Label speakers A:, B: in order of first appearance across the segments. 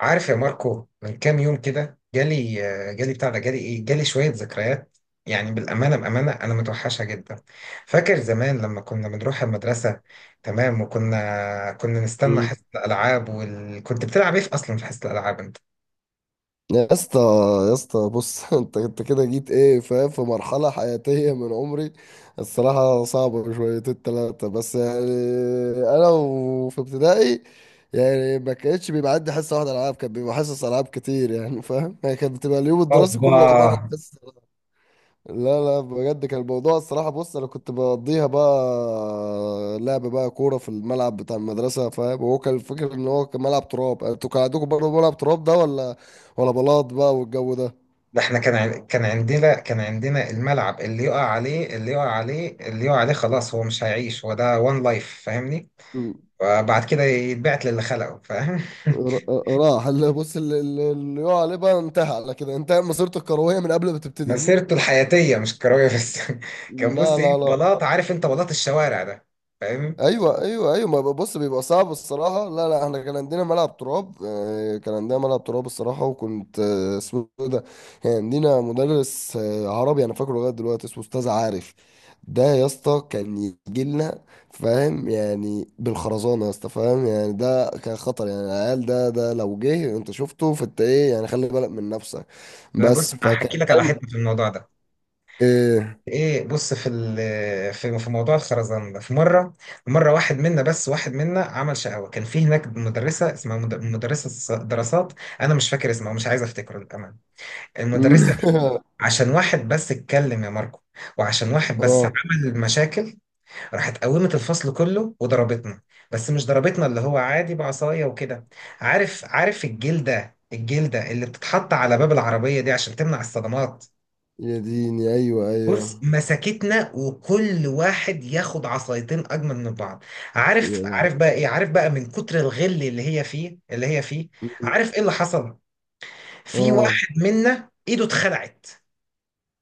A: عارف يا ماركو، من كام يوم كده جالي. جالي بتاع ده، جالي ايه، جالي شوية ذكريات. يعني بالأمانة، بأمانة أنا متوحشة جدا. فاكر زمان لما كنا بنروح المدرسة؟ تمام. وكنا كنا نستنى
B: مم.
A: حصة الألعاب كنت بتلعب ايه في أصلا في حصة الألعاب أنت؟
B: يا اسطى يا اسطى بص، انت كده جيت ايه، فاهم؟ في مرحلة حياتية من عمري. الصراحة صعبة شويتين تلاتة بس، يعني انا وفي ابتدائي. يعني ما كانتش بيبقى عندي حصة واحدة العاب، كان بيبقى حصص العاب كتير، يعني فاهم؟ يعني كانت بتبقى اليوم الدراسي
A: اوبا.
B: كله عبارة عن حصص. لا لا، بجد كان الموضوع الصراحة. بص أنا كنت بقضيها بقى لعب بقى كورة في الملعب بتاع المدرسة. فاهم؟ هو كان الفكرة إن هو كان ملعب تراب. أنتوا كان عندكم برضه ملعب تراب ده، ولا ولا بلاط بقى والجو ده؟
A: ده احنا كان عندنا الملعب اللي يقع عليه اللي يقع عليه اللي يقع عليه خلاص، هو مش هيعيش. هو ده وان لايف، فاهمني؟
B: م.
A: وبعد كده يتبعت للي خلقه، فاهم؟
B: راح اللي بص اللي يقع عليه بقى انتهى على كده. انتهى مسيرته الكروية من قبل ما تبتدي.
A: مسيرته الحياتية مش كروية بس. كان بص
B: لا
A: ايه،
B: لا لا.
A: بلاط. عارف انت بلاط الشوارع ده؟ فاهم.
B: ايوه ايوه ايوه، ما بص بيبقى صعب الصراحه. لا لا، احنا كان عندنا ملعب تراب، كان عندنا ملعب تراب الصراحه. وكنت، اسمه إيه ده، كان عندنا مدرس عربي انا فاكره لغايه دلوقتي اسمه استاذ عارف. ده يا اسطى كان يجي لنا فاهم، يعني بالخرزانه يا اسطى. فاهم يعني ده كان خطر، يعني العيال ده لو جه انت شفته فانت ايه يعني، خلي بالك من نفسك.
A: انا بص،
B: بس
A: انا
B: فكان
A: هحكي لك على
B: فاهم.
A: حتة في الموضوع ده.
B: ايه؟
A: ايه بص، في موضوع الخرزان ده، في مرة. مرة واحد منا بس، واحد منا عمل شقاوة. كان في هناك مدرسة اسمها مدرسة دراسات. انا مش فاكر اسمها، مش عايز افتكره للأمانة، المدرسة دي. عشان واحد بس اتكلم يا ماركو، وعشان واحد بس
B: اه.
A: عمل مشاكل، راحت قومت الفصل كله وضربتنا. بس مش ضربتنا اللي هو عادي بعصاية وكده. عارف، عارف الجلدة اللي بتتحط على باب العربية دي عشان تمنع الصدمات؟
B: يا ديني، ايوه
A: بص،
B: ايوه.
A: مسكتنا وكل واحد ياخد عصايتين اجمل من بعض. عارف،
B: يا
A: عارف بقى ايه؟ عارف بقى من كتر الغل اللي هي فيه.
B: لهوي.
A: عارف ايه اللي حصل؟ في
B: اه،
A: واحد منا ايده اتخلعت.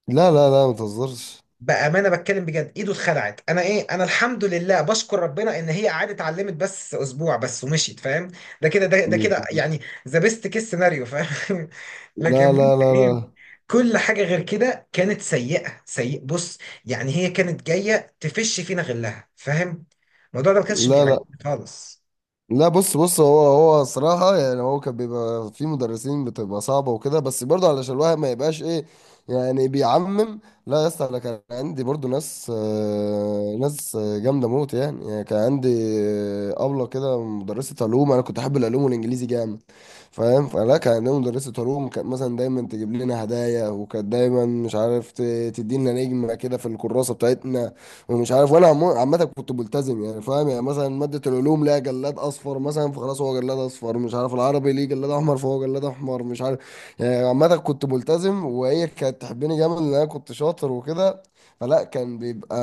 B: لا لا لا، ما تهزرش.
A: بأمانة بتكلم بجد، ايده اتخلعت. انا ايه، انا الحمد لله، بشكر ربنا ان هي قعدت اتعلمت بس اسبوع بس ومشيت، فاهم؟ ده
B: لا
A: كده يعني. ذا بيست كيس سيناريو، فاهم؟ لكن
B: لا
A: بص
B: لا
A: ايه،
B: لا
A: كل حاجة غير كده كانت سيئة. سيء بص، يعني هي كانت جاية تفش فينا غلها، فاهم؟ الموضوع ده ما كانش
B: لا لا،
A: بيعجبني خالص.
B: لا بص هو صراحة، يعني هو كان بيبقى في مدرسين بتبقى صعبة وكده، بس برضه علشان الواحد ما يبقاش ايه، يعني بيعمم. لا يا اسطى، انا كان عندي برضه ناس، ناس جامدة موت. يعني كان عندي أبلة كده، مدرسة علوم. انا كنت احب العلوم والانجليزي جامد. فاهم؟ فلا كان عندنا مدرسة علوم، كانت مثلا دايما تجيب لنا هدايا، وكانت دايما مش عارف تدينا نجمة كده في الكراسة بتاعتنا. ومش عارف، وانا عامة كنت ملتزم، يعني فاهم يعني مثلا مادة العلوم ليها جلاد اصفر مثلا، فخلاص هو جلاد اصفر مش عارف، العربي ليه جلاد احمر فهو جلاد احمر مش عارف. يعني عامة كنت ملتزم، وهي كانت تحبني جامد لان انا كنت شاطر وكده. فلا كان بيبقى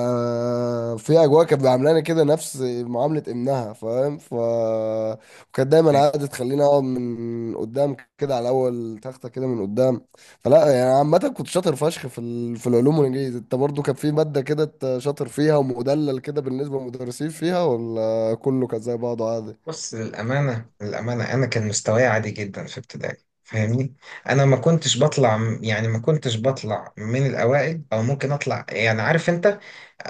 B: في اجواء كانت بيعاملاني كده نفس معاملة ابنها. فاهم؟ ف، وكانت دايما قاعدة تخليني اقعد من قدام كده على اول تخته كده من قدام. فلا، يعني عامه كنت شاطر فشخ في العلوم والانجليزي. انت برضو كان في ماده كده انت شاطر فيها ومدلل كده بالنسبه للمدرسين فيها، ولا كله كان زي بعضه عادي؟
A: بص، للأمانة، أنا كان مستواي عادي جدا في ابتدائي، فاهمني؟ أنا ما كنتش بطلع، يعني ما كنتش بطلع من الأوائل، أو ممكن أطلع يعني، عارف أنت.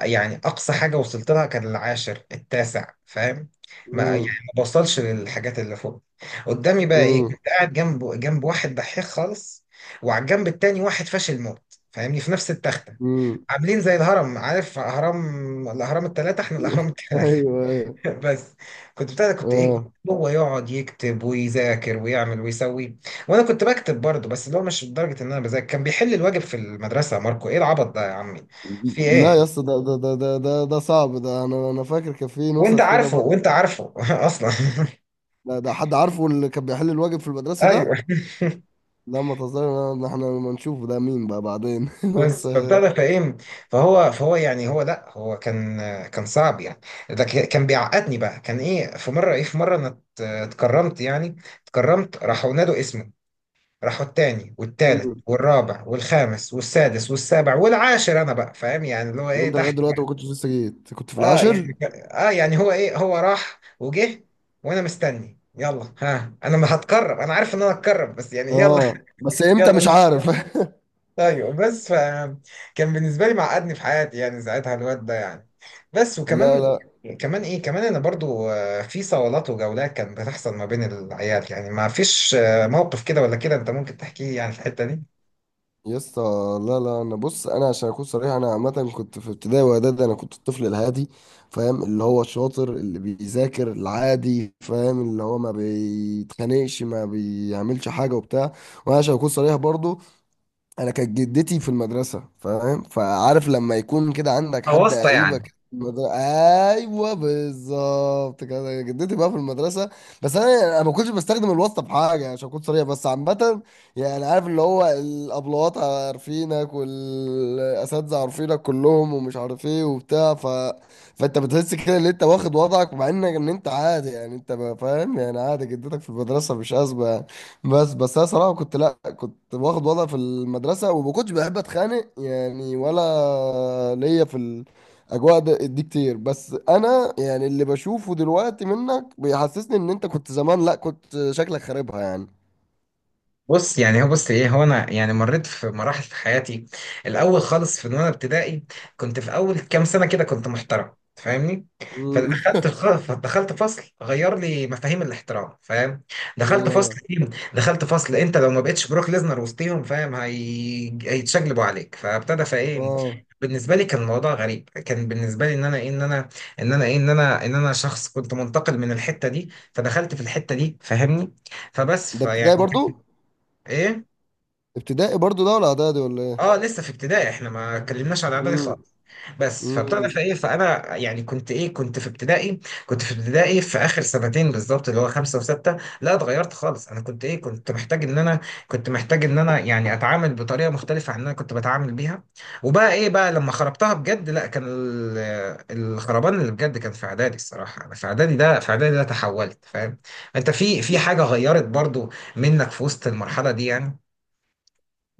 A: يعني أقصى حاجة وصلت لها كان العاشر، التاسع، فاهم؟ ما يعني
B: امم.
A: ما بوصلش للحاجات اللي فوق. قدامي بقى إيه؟
B: امم.
A: كنت قاعد جنب، جنب واحد دحيح خالص، وعلى الجنب التاني واحد فاشل موت، فاهمني، في نفس التختة.
B: امم.
A: عاملين زي الهرم. عارف هرم الأهرام التلاتة؟ إحنا الأهرام التلاتة.
B: ايوه ايوه.
A: بس. كنت بتاع ده، كنت ايه،
B: اه،
A: هو يقعد يكتب ويذاكر ويعمل ويسوي. وانا كنت بكتب برضه، بس اللي هو مش لدرجه ان انا بذاكر. كان بيحل الواجب في المدرسه يا ماركو. ايه العبط ده يا عمي؟ في
B: لا يا
A: ايه؟
B: اسطى، ده صعب ده، انا فاكر كان في
A: وانت
B: نسخ كده
A: عارفه، وانت
B: برضه.
A: عارفه اصلا.
B: ده حد عارفه اللي كان بيحل الواجب في المدرسه ده.
A: ايوه.
B: لا ما تهزرش، احنا ما نشوفه ده مين بقى بعدين. بس.
A: بس فبتاع ده فايه. فهو يعني، هو لا، هو كان كان صعب يعني. كان بيعقدني بقى. كان ايه في مره، ايه في مره انا اتكرمت يعني. اتكرمت، راحوا نادوا اسمي. راحوا التاني والتالت
B: مم.
A: والرابع والخامس والسادس والسابع والعاشر. انا بقى فاهم يعني اللي هو
B: طب
A: ايه،
B: انت لغايه
A: تحت.
B: دلوقتي ما كنتش لسه جيت، كنت في
A: اه
B: العاشر؟
A: يعني اه يعني هو ايه، هو راح وجه. وانا مستني، يلا ها، انا ما هتكرر، انا عارف ان انا هتكرر بس يعني يلا.
B: اه، بس امتى
A: يلا
B: مش
A: نست-
B: عارف.
A: ايوه بس ف، كان بالنسبه لي معقدني في حياتي يعني ساعتها الواد ده يعني. بس.
B: لا
A: وكمان،
B: لا
A: كمان ايه، كمان انا برضو في صولات وجولات كانت بتحصل ما بين العيال. يعني ما فيش موقف كده ولا كده انت ممكن تحكيه يعني في الحته دي؟
B: يا اسطى. لا لا، انا بص، انا عشان اكون صريح، انا عامه كنت في ابتدائي واعدادي، انا كنت الطفل الهادي. فاهم اللي هو الشاطر اللي بيذاكر العادي، فاهم اللي هو ما بيتخانقش ما بيعملش حاجه وبتاع. وانا عشان اكون صريح برضو، انا كانت جدتي في المدرسه. فاهم؟ فعارف لما يكون كده عندك حد
A: أواسطة
B: قريبك
A: يعني؟
B: في المدرسه. ايوه بالظبط كده، جدتي بقى في المدرسه. بس انا يعني انا ما كنتش بستخدم الواسطه في حاجه عشان اكون صريح، بس عامه يعني عارف اللي هو الابلوات عارفينك، والاساتذه عارفينك كلهم، ومش عارف ايه وبتاع، ف... فانت بتحس كده ان انت واخد وضعك، مع انك ان انت عادي، يعني انت ما فاهم يعني عادي، جدتك في المدرسه مش ازمه. بس انا صراحه كنت، لا كنت واخد وضع في المدرسه، وما كنتش بحب اتخانق يعني، ولا ليا في الاجواء دي كتير. بس انا يعني اللي بشوفه دلوقتي منك بيحسسني ان انت كنت زمان، لا كنت شكلك خاربها يعني.
A: بص يعني هو، بص ايه، هو انا يعني مريت في مراحل في حياتي. الاول خالص في وانا ابتدائي كنت في اول كام سنه كده كنت محترم، فاهمني؟
B: مم.
A: فدخلت دخلت فصل غير لي مفاهيم الاحترام، فاهم؟ دخلت فصل
B: الله.
A: فيهم، دخلت فصل انت لو ما بقتش بروك ليزنر وسطيهم فاهم، هي... هيتشقلبوا عليك. فابتدى فايه،
B: اه،
A: بالنسبه لي كان الموضوع غريب. كان بالنسبه لي ان انا ايه، ان انا، ان انا ايه، ان انا، ان انا شخص كنت منتقل من الحته دي فدخلت في الحته دي، فاهمني؟ فبس
B: ده ابتدائي
A: فيعني
B: برضو،
A: ايه.
B: ابتدائي برضو ده، ولا اعدادي ولا ايه؟
A: اه لسه في ابتدائي، احنا ما اتكلمناش عن اعدادي
B: مم.
A: خالص. بس فابتدى في
B: امم.
A: ايه، فانا يعني كنت ايه كنت في ابتدائي. كنت في ابتدائي في اخر سنتين بالظبط، اللي هو خمسه وسته، لا اتغيرت خالص. انا كنت ايه، كنت محتاج ان انا، كنت محتاج ان انا يعني اتعامل بطريقه مختلفه عن اللي انا كنت بتعامل بيها. وبقى ايه بقى لما خربتها بجد. لا، كان الخربان اللي بجد كان في اعدادي الصراحه. انا في اعدادي ده، في اعدادي ده تحولت، فاهم؟ انت في حاجه غيرت برضو منك في وسط المرحله دي يعني؟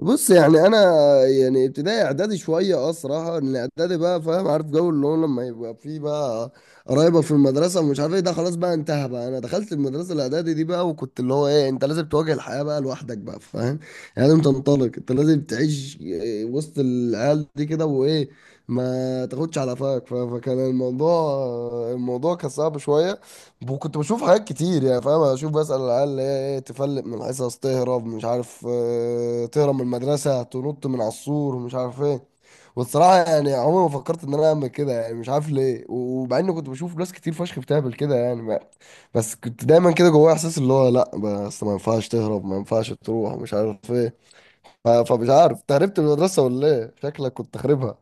B: بص يعني انا، يعني ابتدائي اعدادي شويه اه صراحه، ان اعدادي بقى فاهم، عارف جو اللي هو لما يبقى فيه بقى قرايبك في المدرسه ومش عارف ايه ده، خلاص بقى انتهى بقى. انا دخلت المدرسه الاعدادي دي بقى، وكنت اللي هو ايه، انت لازم تواجه الحياه بقى لوحدك بقى. فاهم؟ يعني لازم تنطلق، انت لازم تعيش إيه وسط العيال دي كده وايه، ما تاخدش على قفاك. فكان الموضوع، الموضوع كان صعب شويه. كنت بشوف حاجات كتير يعني، فاهم؟ اشوف بسأل العيال اللي هي ايه تفلق من الحصص، تهرب مش عارف، تهرب من المدرسة، تنط من على السور مش عارف ايه. والصراحة يعني عمري ما فكرت ان انا اعمل كده يعني، مش عارف ليه، ومع اني كنت بشوف ناس كتير فشخ بتعمل كده يعني، بس كنت دايما كده جوايا احساس اللي هو لا، بس ما ينفعش تهرب، ما ينفعش تروح مش عارف ايه. فمش عارف انت هربت من المدرسة ولا ايه، شكلك كنت خاربها.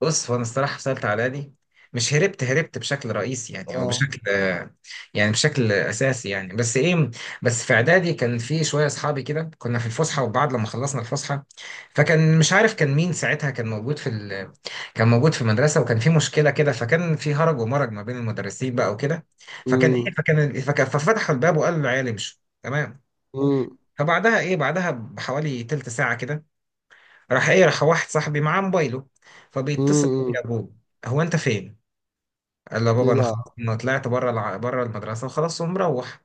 A: بص هو، انا الصراحه سالت على دي. مش هربت، هربت بشكل رئيسي يعني، او
B: اه.
A: بشكل، يعني بشكل اساسي يعني. بس ايه، بس في اعدادي كان في شويه اصحابي كده. كنا في الفسحه وبعد لما خلصنا الفسحه، فكان مش عارف كان مين ساعتها كان موجود كان موجود في المدرسه وكان في مشكله كده. فكان في هرج ومرج ما بين المدرسين بقى وكده. فكان ايه،
B: امم.
A: ففتحوا الباب وقالوا العيال امشوا. تمام.
B: امم.
A: فبعدها ايه، بعدها بحوالي تلت ساعه كده، راح ايه راح واحد صاحبي معاه موبايله، فبيتصل بيه
B: امم.
A: ابوه. هو، انت فين؟ قال له بابا، انا خلاص
B: يلعب.
A: انا طلعت بره بره المدرسه وخلاص ومروح.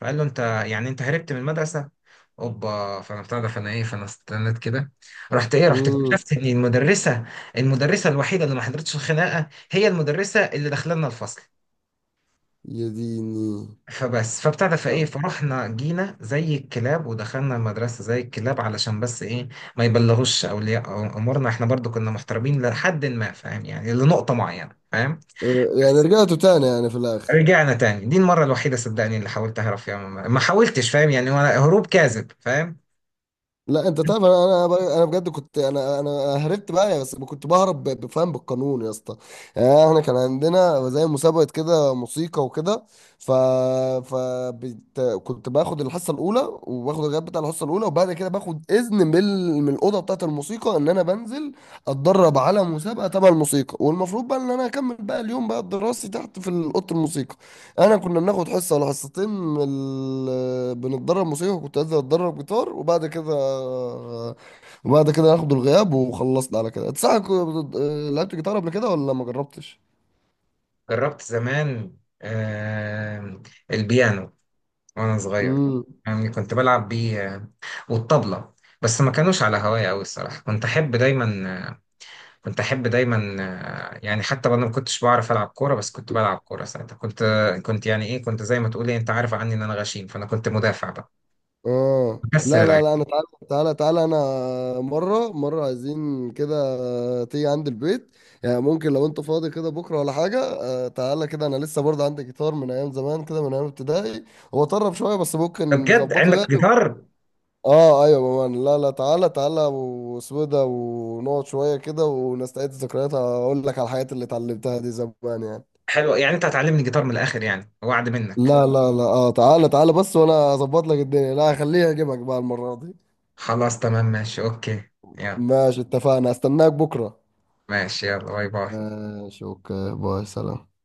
A: فقال له، انت يعني انت هربت من المدرسه؟ اوبا. فانا بتاع ده، فانا ايه، فانا استنيت كده. رحت ايه، رحت
B: امم.
A: اكتشفت ان المدرسه، المدرسه الوحيده اللي ما حضرتش الخناقه هي المدرسه اللي داخله لنا الفصل.
B: يا ديني.
A: فبس فابتدى فايه،
B: لا.
A: فرحنا جينا زي الكلاب ودخلنا المدرسه زي الكلاب علشان بس ايه ما يبلغوش اولياء امورنا. احنا برضو كنا محترمين لحد ما، فاهم يعني، لنقطه معينه، فاهم؟
B: يعني
A: بس.
B: رجعتوا تاني يعني في الاخر؟
A: رجعنا تاني. دي المره الوحيده صدقني اللي حاولت اهرب فيها، ما حاولتش، فاهم يعني، ولا هروب كاذب، فاهم؟
B: لا انت تعرف، انا بجد كنت، انا هربت بقى يا، بس كنت بهرب بفهم بالقانون يا اسطى. يعني احنا كان عندنا زي مسابقه كده موسيقى وكده. ف ف كنت باخد الحصه الاولى، وباخد الغياب بتاع الحصه الاولى، وبعد كده باخد اذن من من الاوضه بتاعه الموسيقى ان انا بنزل اتدرب على مسابقه تبع الموسيقى، والمفروض بقى ان انا اكمل بقى اليوم بقى الدراسي تحت في اوضه الموسيقى. انا كنا بناخد حصه ولا حصتين من ال... بنتدرب موسيقى، وكنت انزل اتدرب جيتار، وبعد كده، وبعد كده ناخد الغياب وخلصنا على كده. انت صح لعبت جيتار قبل كده، ولا ما جربتش؟
A: جربت زمان، آه، البيانو، وانا صغير،
B: امم.
A: يعني كنت بلعب بيه. والطبلة. بس ما كانوش على هواية أوي الصراحة. كنت أحب دايما، كنت احب دايما يعني حتى وانا ما كنتش بعرف العب كوره، بس كنت بلعب كوره ساعتها. كنت، كنت يعني ايه، كنت زي ما تقول إيه، انت عارف عني ان انا غشيم، فانا كنت مدافع بقى،
B: اه،
A: بكسر
B: لا لا
A: العين.
B: لا، انا تعالى تعالى تعالى، انا مره مره عايزين كده تيجي عند البيت. يعني ممكن لو انت فاضي كده بكره ولا حاجه، تعالى كده. انا لسه برضه عندي جيتار من ايام زمان كده، من ايام ابتدائي. هو طرب شويه بس
A: طب
B: ممكن
A: بجد
B: نظبطه يعني.
A: عندك جيتار؟
B: اه ايوه يا مان، لا لا، تعالى تعالى، واسمه إيه ده، ونقعد شويه كده ونستعيد الذكريات، اقول لك على الحاجات اللي اتعلمتها دي زمان يعني.
A: حلو. يعني انت هتعلمني جيتار من الاخر يعني، وعد منك؟
B: لا لا لا، اه تعالى تعالى، بس وانا اظبط لك الدنيا. لا خليها اجيبك بقى المره دي.
A: خلاص تمام، ماشي اوكي. يلا.
B: ماشي، اتفقنا، استناك بكره.
A: ماشي يلا، باي باي.
B: ماشي، اوكي، باي سلام.